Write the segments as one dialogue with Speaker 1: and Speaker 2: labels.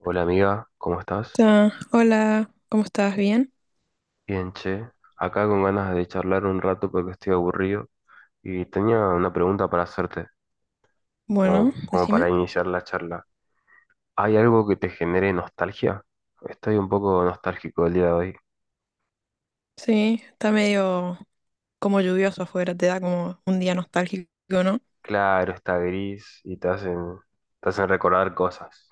Speaker 1: Hola amiga, ¿cómo estás?
Speaker 2: Ta, hola, ¿cómo estás? ¿Bien?
Speaker 1: Bien, che. Acá con ganas de charlar un rato porque estoy aburrido y tenía una pregunta para hacerte,
Speaker 2: Bueno,
Speaker 1: como para
Speaker 2: decime.
Speaker 1: iniciar la charla. ¿Hay algo que te genere nostalgia? Estoy un poco nostálgico el día de hoy.
Speaker 2: Sí, está medio como lluvioso afuera, te da como un día nostálgico, ¿no?
Speaker 1: Claro, está gris y te hacen recordar cosas.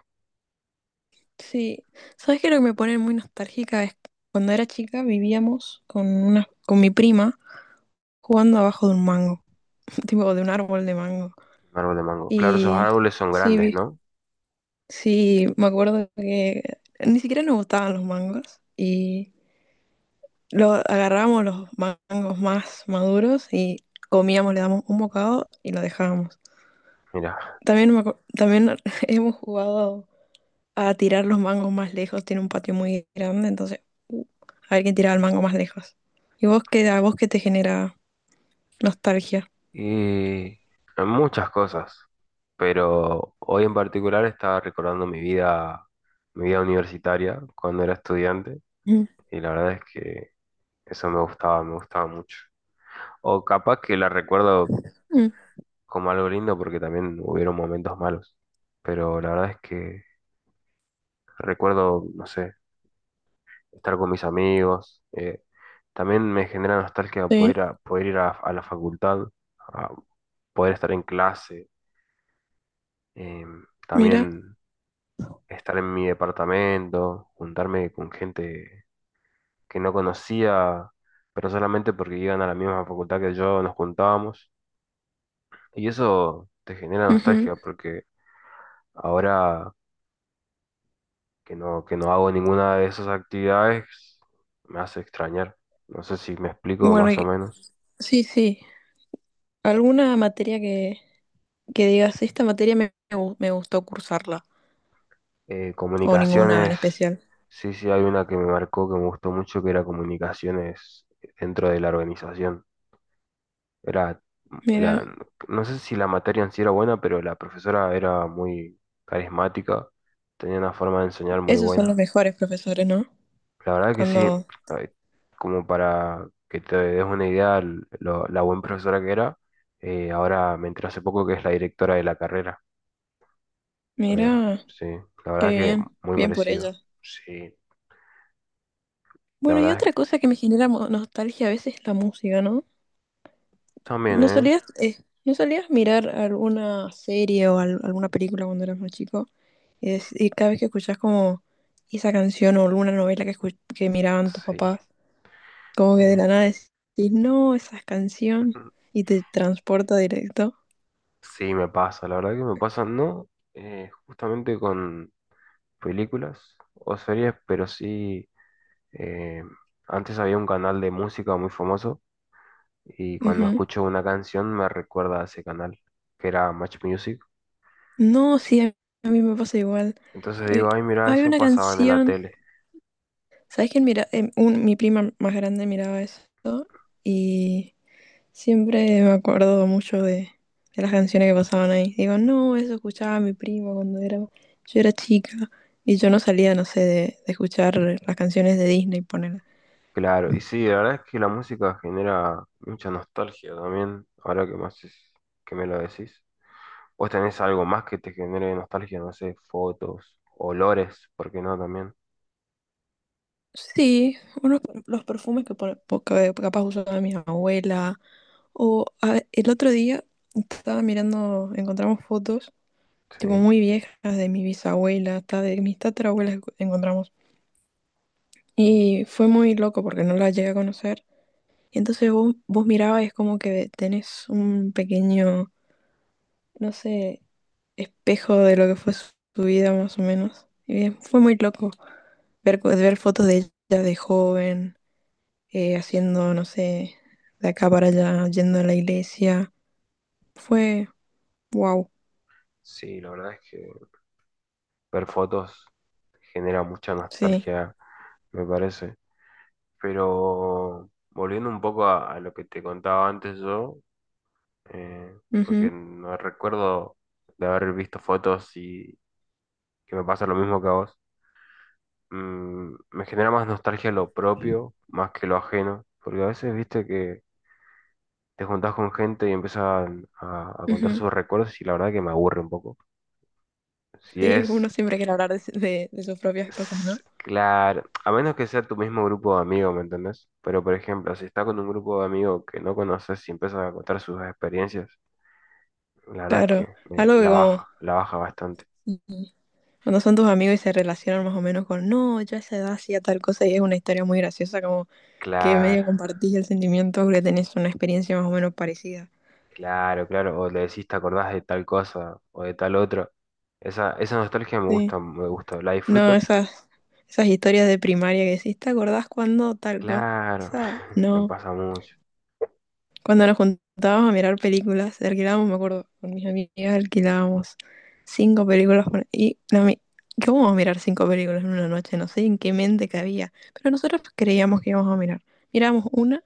Speaker 2: Sí, ¿sabes qué? Es Lo que me pone muy nostálgica es cuando era chica vivíamos con mi prima jugando abajo de un mango, tipo de un árbol de mango.
Speaker 1: Un árbol de mango. Claro, esos
Speaker 2: Y
Speaker 1: árboles son
Speaker 2: sí,
Speaker 1: grandes, ¿no?
Speaker 2: sí, me acuerdo que ni siquiera nos gustaban los mangos y lo agarrábamos los mangos más maduros y comíamos, le damos un bocado y lo dejábamos.
Speaker 1: Mira.
Speaker 2: También, también hemos jugado a tirar los mangos más lejos, tiene un patio muy grande, entonces uh, a ver quién tiraba el mango más lejos. ¿Y a vos qué te genera nostalgia?
Speaker 1: Y muchas cosas, pero hoy en particular estaba recordando mi vida universitaria cuando era estudiante
Speaker 2: Mm,
Speaker 1: y la verdad es que eso me gustaba mucho. O capaz que la recuerdo
Speaker 2: mm,
Speaker 1: como algo lindo porque también hubieron momentos malos, pero la verdad es que recuerdo, no sé, estar con mis amigos, también me genera nostalgia poder,
Speaker 2: sí,
Speaker 1: poder ir a la facultad, a poder estar en clase,
Speaker 2: mira.
Speaker 1: también estar en mi departamento, juntarme con gente que no conocía, pero solamente porque iban a la misma facultad que yo, nos juntábamos. Y eso te genera
Speaker 2: Ujú.
Speaker 1: nostalgia porque ahora que no hago ninguna de esas actividades, me hace extrañar. No sé si me explico
Speaker 2: Bueno,
Speaker 1: más o menos.
Speaker 2: sí, sí. ¿Alguna materia que digas, esta materia me gustó cursarla? ¿O ninguna en
Speaker 1: Comunicaciones,
Speaker 2: especial?
Speaker 1: sí, sí, hay una que me marcó que me gustó mucho, que era comunicaciones dentro de la organización. Era, la,
Speaker 2: Mira.
Speaker 1: no sé si la materia en sí era buena, pero la profesora era muy carismática, tenía una forma de enseñar muy
Speaker 2: Esos son los
Speaker 1: buena.
Speaker 2: mejores profesores, ¿no?
Speaker 1: La verdad que sí,
Speaker 2: Cuando,
Speaker 1: eh, como para que te des una idea la buena profesora que era, ahora me entré hace poco que es la directora de la carrera. Eh,
Speaker 2: mira,
Speaker 1: sí, la
Speaker 2: qué
Speaker 1: verdad que
Speaker 2: bien,
Speaker 1: muy
Speaker 2: bien por
Speaker 1: merecido.
Speaker 2: ellos.
Speaker 1: Sí, la
Speaker 2: Bueno, y
Speaker 1: verdad es que
Speaker 2: otra cosa que me genera nostalgia a veces es la música, ¿no?
Speaker 1: también,
Speaker 2: ¿No
Speaker 1: ¿eh?
Speaker 2: solías, no solías mirar alguna serie o alguna película cuando eras más chico? Y, y cada vez que escuchás como esa canción o alguna novela que, que miraban tus
Speaker 1: Sí.
Speaker 2: papás, como que de
Speaker 1: eh,
Speaker 2: la nada decís, no, esa canción, y te transporta directo.
Speaker 1: Sí, me pasa, la verdad que me pasa, no, justamente con películas o series, pero sí, eh, antes había un canal de música muy famoso y cuando escucho una canción me recuerda a ese canal, que era Match Music.
Speaker 2: No, sí, a mí me pasa igual.
Speaker 1: Entonces
Speaker 2: Eh,
Speaker 1: digo, ay, mira,
Speaker 2: hay
Speaker 1: eso
Speaker 2: una
Speaker 1: pasaba en la
Speaker 2: canción,
Speaker 1: tele.
Speaker 2: ¿sabes quién mira? Mi prima más grande miraba eso y siempre me acuerdo mucho de las canciones que pasaban ahí. Digo, no, eso escuchaba mi primo cuando era, yo era chica y yo no salía, no sé, de escuchar las canciones de Disney, poner.
Speaker 1: Claro, y sí, la verdad es que la música genera mucha nostalgia también, ahora que más es- que me lo decís. ¿Vos tenés algo más que te genere nostalgia? No sé, fotos, olores, ¿por qué no también?
Speaker 2: Sí, unos, los perfumes que, que capaz usaba mi abuela. O el otro día estaba mirando, encontramos fotos tipo
Speaker 1: Sí.
Speaker 2: muy viejas de mi bisabuela, hasta de mis tatarabuelas encontramos. Y fue muy loco porque no la llegué a conocer. Y entonces vos, vos mirabas y es como que tenés un pequeño, no sé, espejo de lo que fue su, su vida más o menos. Y fue muy loco ver, ver fotos de ella de joven, haciendo, no sé, de acá para allá, yendo a la iglesia. Fue wow,
Speaker 1: Sí, la verdad es que ver fotos genera mucha
Speaker 2: sí.
Speaker 1: nostalgia, me parece. Pero volviendo un poco a lo que te contaba antes yo, eh, porque
Speaker 2: Ujú,
Speaker 1: no recuerdo de haber visto fotos y que me pasa lo mismo que a vos, me genera más nostalgia lo propio más que lo ajeno, porque a veces viste que te juntás con gente y empiezan a contar
Speaker 2: ujú.
Speaker 1: sus recuerdos y la verdad que me aburre un poco. Si
Speaker 2: Sí,
Speaker 1: es
Speaker 2: uno siempre quiere hablar de, de sus propias cosas, ¿no?
Speaker 1: S- Claro, a menos que sea tu mismo grupo de amigos, ¿me entendés? Pero, por ejemplo, si está con un grupo de amigos que no conoces y empiezas a contar sus experiencias, la verdad es
Speaker 2: Claro,
Speaker 1: que
Speaker 2: algo que como
Speaker 1: la baja bastante.
Speaker 2: y- cuando son tus amigos y se relacionan más o menos con, no, yo a esa edad hacía tal cosa y es una historia muy graciosa, como que
Speaker 1: Claro,
Speaker 2: medio compartís el sentimiento porque tenés una experiencia más o menos parecida.
Speaker 1: claro, claro. O le decís, te acordás de tal cosa o de tal otra. Esa nostalgia me
Speaker 2: Sí,
Speaker 1: gusta, me gusta. La
Speaker 2: no,
Speaker 1: disfruto,
Speaker 2: esas, esas historias de primaria que decís, ¿te acordás cuando tal
Speaker 1: claro,
Speaker 2: cosa?
Speaker 1: me
Speaker 2: No.
Speaker 1: pasa mucho.
Speaker 2: Cuando nos juntábamos a mirar películas, alquilábamos, me acuerdo, con mis amigas alquilábamos cinco películas. Y no, ¿qué vamos a mirar cinco películas en una noche? No sé en qué mente cabía, pero nosotros creíamos que íbamos a mirar. Mirábamos una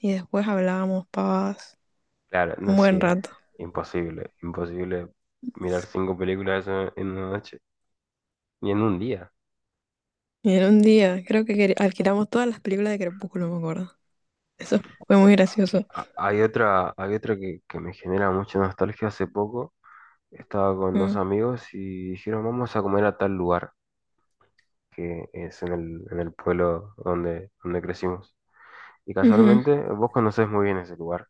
Speaker 2: y después hablábamos pavadas
Speaker 1: Claro, no,
Speaker 2: un buen
Speaker 1: sí,
Speaker 2: rato.
Speaker 1: imposible, imposible mirar cinco películas en una noche, ni en un día.
Speaker 2: Y en un día creo que alquilamos todas las películas de Crepúsculo, me acuerdo. Eso fue muy gracioso.
Speaker 1: Hay otra que me genera mucha nostalgia. Hace poco estaba con dos
Speaker 2: Mm,
Speaker 1: amigos y dijeron, vamos a comer a tal lugar, que es en el pueblo donde, donde crecimos. Y
Speaker 2: ujú,
Speaker 1: casualmente, vos conocés muy bien ese lugar.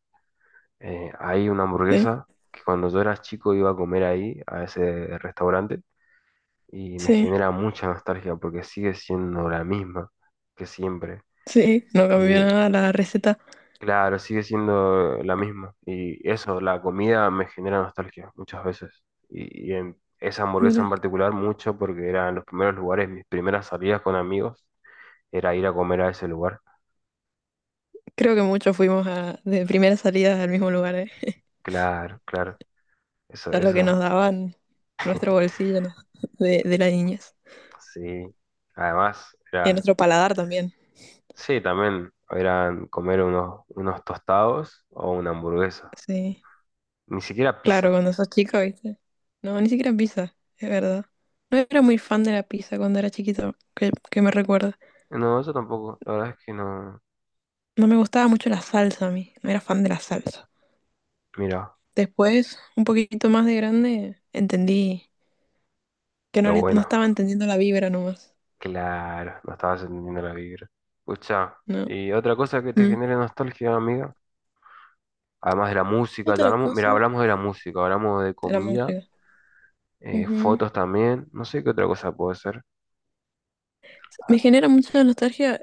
Speaker 1: Hay una
Speaker 2: sí,
Speaker 1: hamburguesa que cuando yo era chico iba a comer ahí, a ese restaurante, y me
Speaker 2: sí,
Speaker 1: genera mucha nostalgia porque sigue siendo la misma que siempre.
Speaker 2: sí, no cambió
Speaker 1: Y
Speaker 2: nada la receta.
Speaker 1: Claro, sigue siendo la misma. Y eso, la comida me genera nostalgia muchas veces. Y en esa hamburguesa en
Speaker 2: Mira.
Speaker 1: particular mucho porque eran los primeros lugares, mis primeras salidas con amigos, era ir a comer a ese lugar.
Speaker 2: Creo que muchos fuimos a, de primeras salidas al mismo lugar, ¿eh?
Speaker 1: Claro, claro. Eso,
Speaker 2: A lo que
Speaker 1: eso,
Speaker 2: nos daban nuestro bolsillo, ¿no? De la niñez.
Speaker 1: sí. Además,
Speaker 2: Y a
Speaker 1: era,
Speaker 2: nuestro paladar también.
Speaker 1: sí, también eran comer unos, unos tostados o una hamburguesa.
Speaker 2: Sí.
Speaker 1: Ni siquiera
Speaker 2: Claro,
Speaker 1: pizza.
Speaker 2: cuando sos chico, ¿viste? No, ni siquiera pizza, es verdad. No era muy fan de la pizza cuando era chiquito, que me recuerda.
Speaker 1: No, eso tampoco. La verdad es que no.
Speaker 2: No me gustaba mucho la salsa a mí, no era fan de la salsa.
Speaker 1: Mira,
Speaker 2: Después, un poquito más de grande, entendí que no,
Speaker 1: lo
Speaker 2: no
Speaker 1: bueno.
Speaker 2: estaba entendiendo la vibra nomás,
Speaker 1: Claro, no estabas entendiendo la vibra. Escucha,
Speaker 2: ¿no?
Speaker 1: y otra cosa que te
Speaker 2: Mm.
Speaker 1: genere nostalgia, amiga, además de la música, ya
Speaker 2: Otra
Speaker 1: hablamos, mira,
Speaker 2: cosa.
Speaker 1: hablamos de la música, hablamos de
Speaker 2: De la
Speaker 1: comida,
Speaker 2: música.
Speaker 1: fotos también, no sé qué otra cosa puede ser.
Speaker 2: Me
Speaker 1: Ah,
Speaker 2: genera mucha nostalgia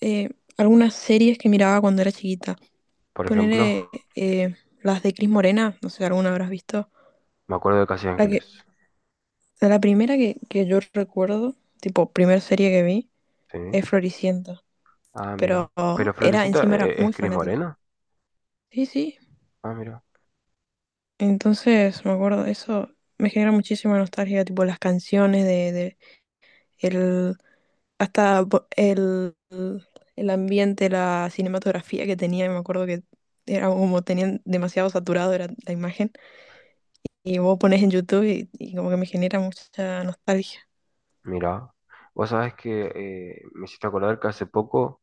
Speaker 2: eh, algunas series que miraba cuando era chiquita.
Speaker 1: por ejemplo,
Speaker 2: Poner las de Cris Morena, no sé, alguna habrás visto.
Speaker 1: me acuerdo de Casi
Speaker 2: La que,
Speaker 1: Ángeles,
Speaker 2: la primera que yo recuerdo, tipo, primera serie que vi,
Speaker 1: ¿sí?
Speaker 2: es Floricienta.
Speaker 1: Ah, mira.
Speaker 2: Pero
Speaker 1: Pero
Speaker 2: era,
Speaker 1: Floricienta
Speaker 2: encima era muy
Speaker 1: es Cris
Speaker 2: fanática.
Speaker 1: Morena.
Speaker 2: Sí, sí.
Speaker 1: Ah, mira.
Speaker 2: Entonces, me acuerdo, eso me genera muchísima nostalgia, tipo las canciones de el, hasta el ambiente, la cinematografía que tenía, me acuerdo que era como tenían demasiado saturado era la imagen. Y vos pones en YouTube y como que me genera mucha nostalgia.
Speaker 1: Mira. Vos sabés que me hiciste acordar que hace poco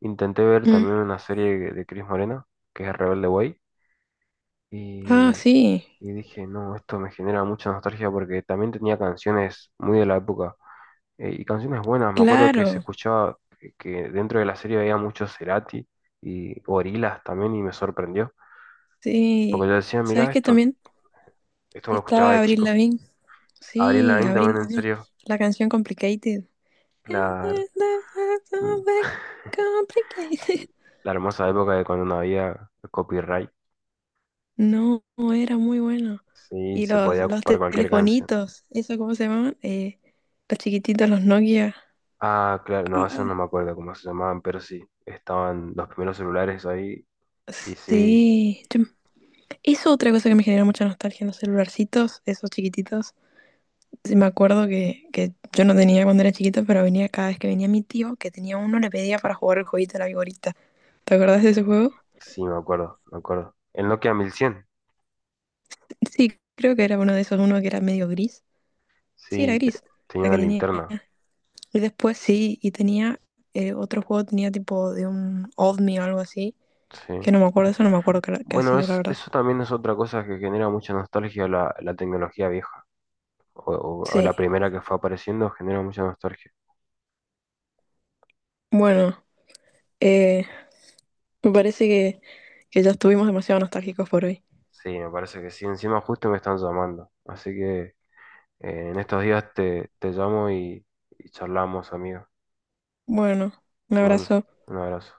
Speaker 1: intenté ver
Speaker 2: Mm.
Speaker 1: también una serie de Cris Morena, que es Rebelde Way.
Speaker 2: Ah,
Speaker 1: Y,
Speaker 2: sí,
Speaker 1: y dije, no, esto me genera mucha nostalgia porque también tenía canciones muy de la época y canciones buenas. Me acuerdo que se
Speaker 2: claro,
Speaker 1: escuchaba que dentro de la serie había mucho Cerati y Gorillaz también y me sorprendió porque
Speaker 2: sí.
Speaker 1: yo decía, mirá,
Speaker 2: ¿Sabes qué
Speaker 1: esto,
Speaker 2: también?
Speaker 1: esto lo escuchaba
Speaker 2: Estaba
Speaker 1: de
Speaker 2: Avril
Speaker 1: chico.
Speaker 2: Lavigne.
Speaker 1: Abril
Speaker 2: Sí,
Speaker 1: Lavigne
Speaker 2: Avril,
Speaker 1: también, en
Speaker 2: Avril.
Speaker 1: serio,
Speaker 2: La canción Complicated.
Speaker 1: la, la hermosa época de cuando no había copyright,
Speaker 2: No, era muy bueno.
Speaker 1: sí,
Speaker 2: Y
Speaker 1: se podía
Speaker 2: los
Speaker 1: ocupar cualquier canción.
Speaker 2: telefonitos, ¿eso cómo se llamaban? Los chiquititos, los Nokia.
Speaker 1: Ah, claro, no, eso no me
Speaker 2: Ah,
Speaker 1: acuerdo cómo se llamaban, pero sí, estaban los primeros celulares ahí. Y sí,
Speaker 2: sí. Eso otra cosa que me genera mucha nostalgia, los celularcitos, esos chiquititos. Sí, me acuerdo que yo no tenía cuando era chiquito, pero venía cada vez que venía mi tío, que tenía uno, le pedía para jugar el jueguito de la vigorita. ¿Te acordás de ese juego?
Speaker 1: sí, me acuerdo, me acuerdo. El Nokia 1100
Speaker 2: Sí, creo que era uno de esos, uno que era medio gris. Sí, era
Speaker 1: sí,
Speaker 2: gris,
Speaker 1: tenía
Speaker 2: el
Speaker 1: una
Speaker 2: que tenía.
Speaker 1: linterna,
Speaker 2: Y después sí, y tenía otro juego, tenía tipo de un OVNI o algo así,
Speaker 1: sí.
Speaker 2: que no me acuerdo, eso no me acuerdo qué, qué
Speaker 1: Bueno,
Speaker 2: hacía, la verdad.
Speaker 1: eso también es otra cosa que genera mucha nostalgia, la tecnología vieja, o la
Speaker 2: Sí,
Speaker 1: primera que fue apareciendo genera mucha nostalgia.
Speaker 2: bueno, eh, me parece que ya estuvimos demasiado nostálgicos por hoy.
Speaker 1: Sí, me parece que sí, encima justo me están llamando, así que en estos días te llamo y charlamos, amigo.
Speaker 2: Bueno, un
Speaker 1: Te mando
Speaker 2: abrazo.
Speaker 1: un abrazo.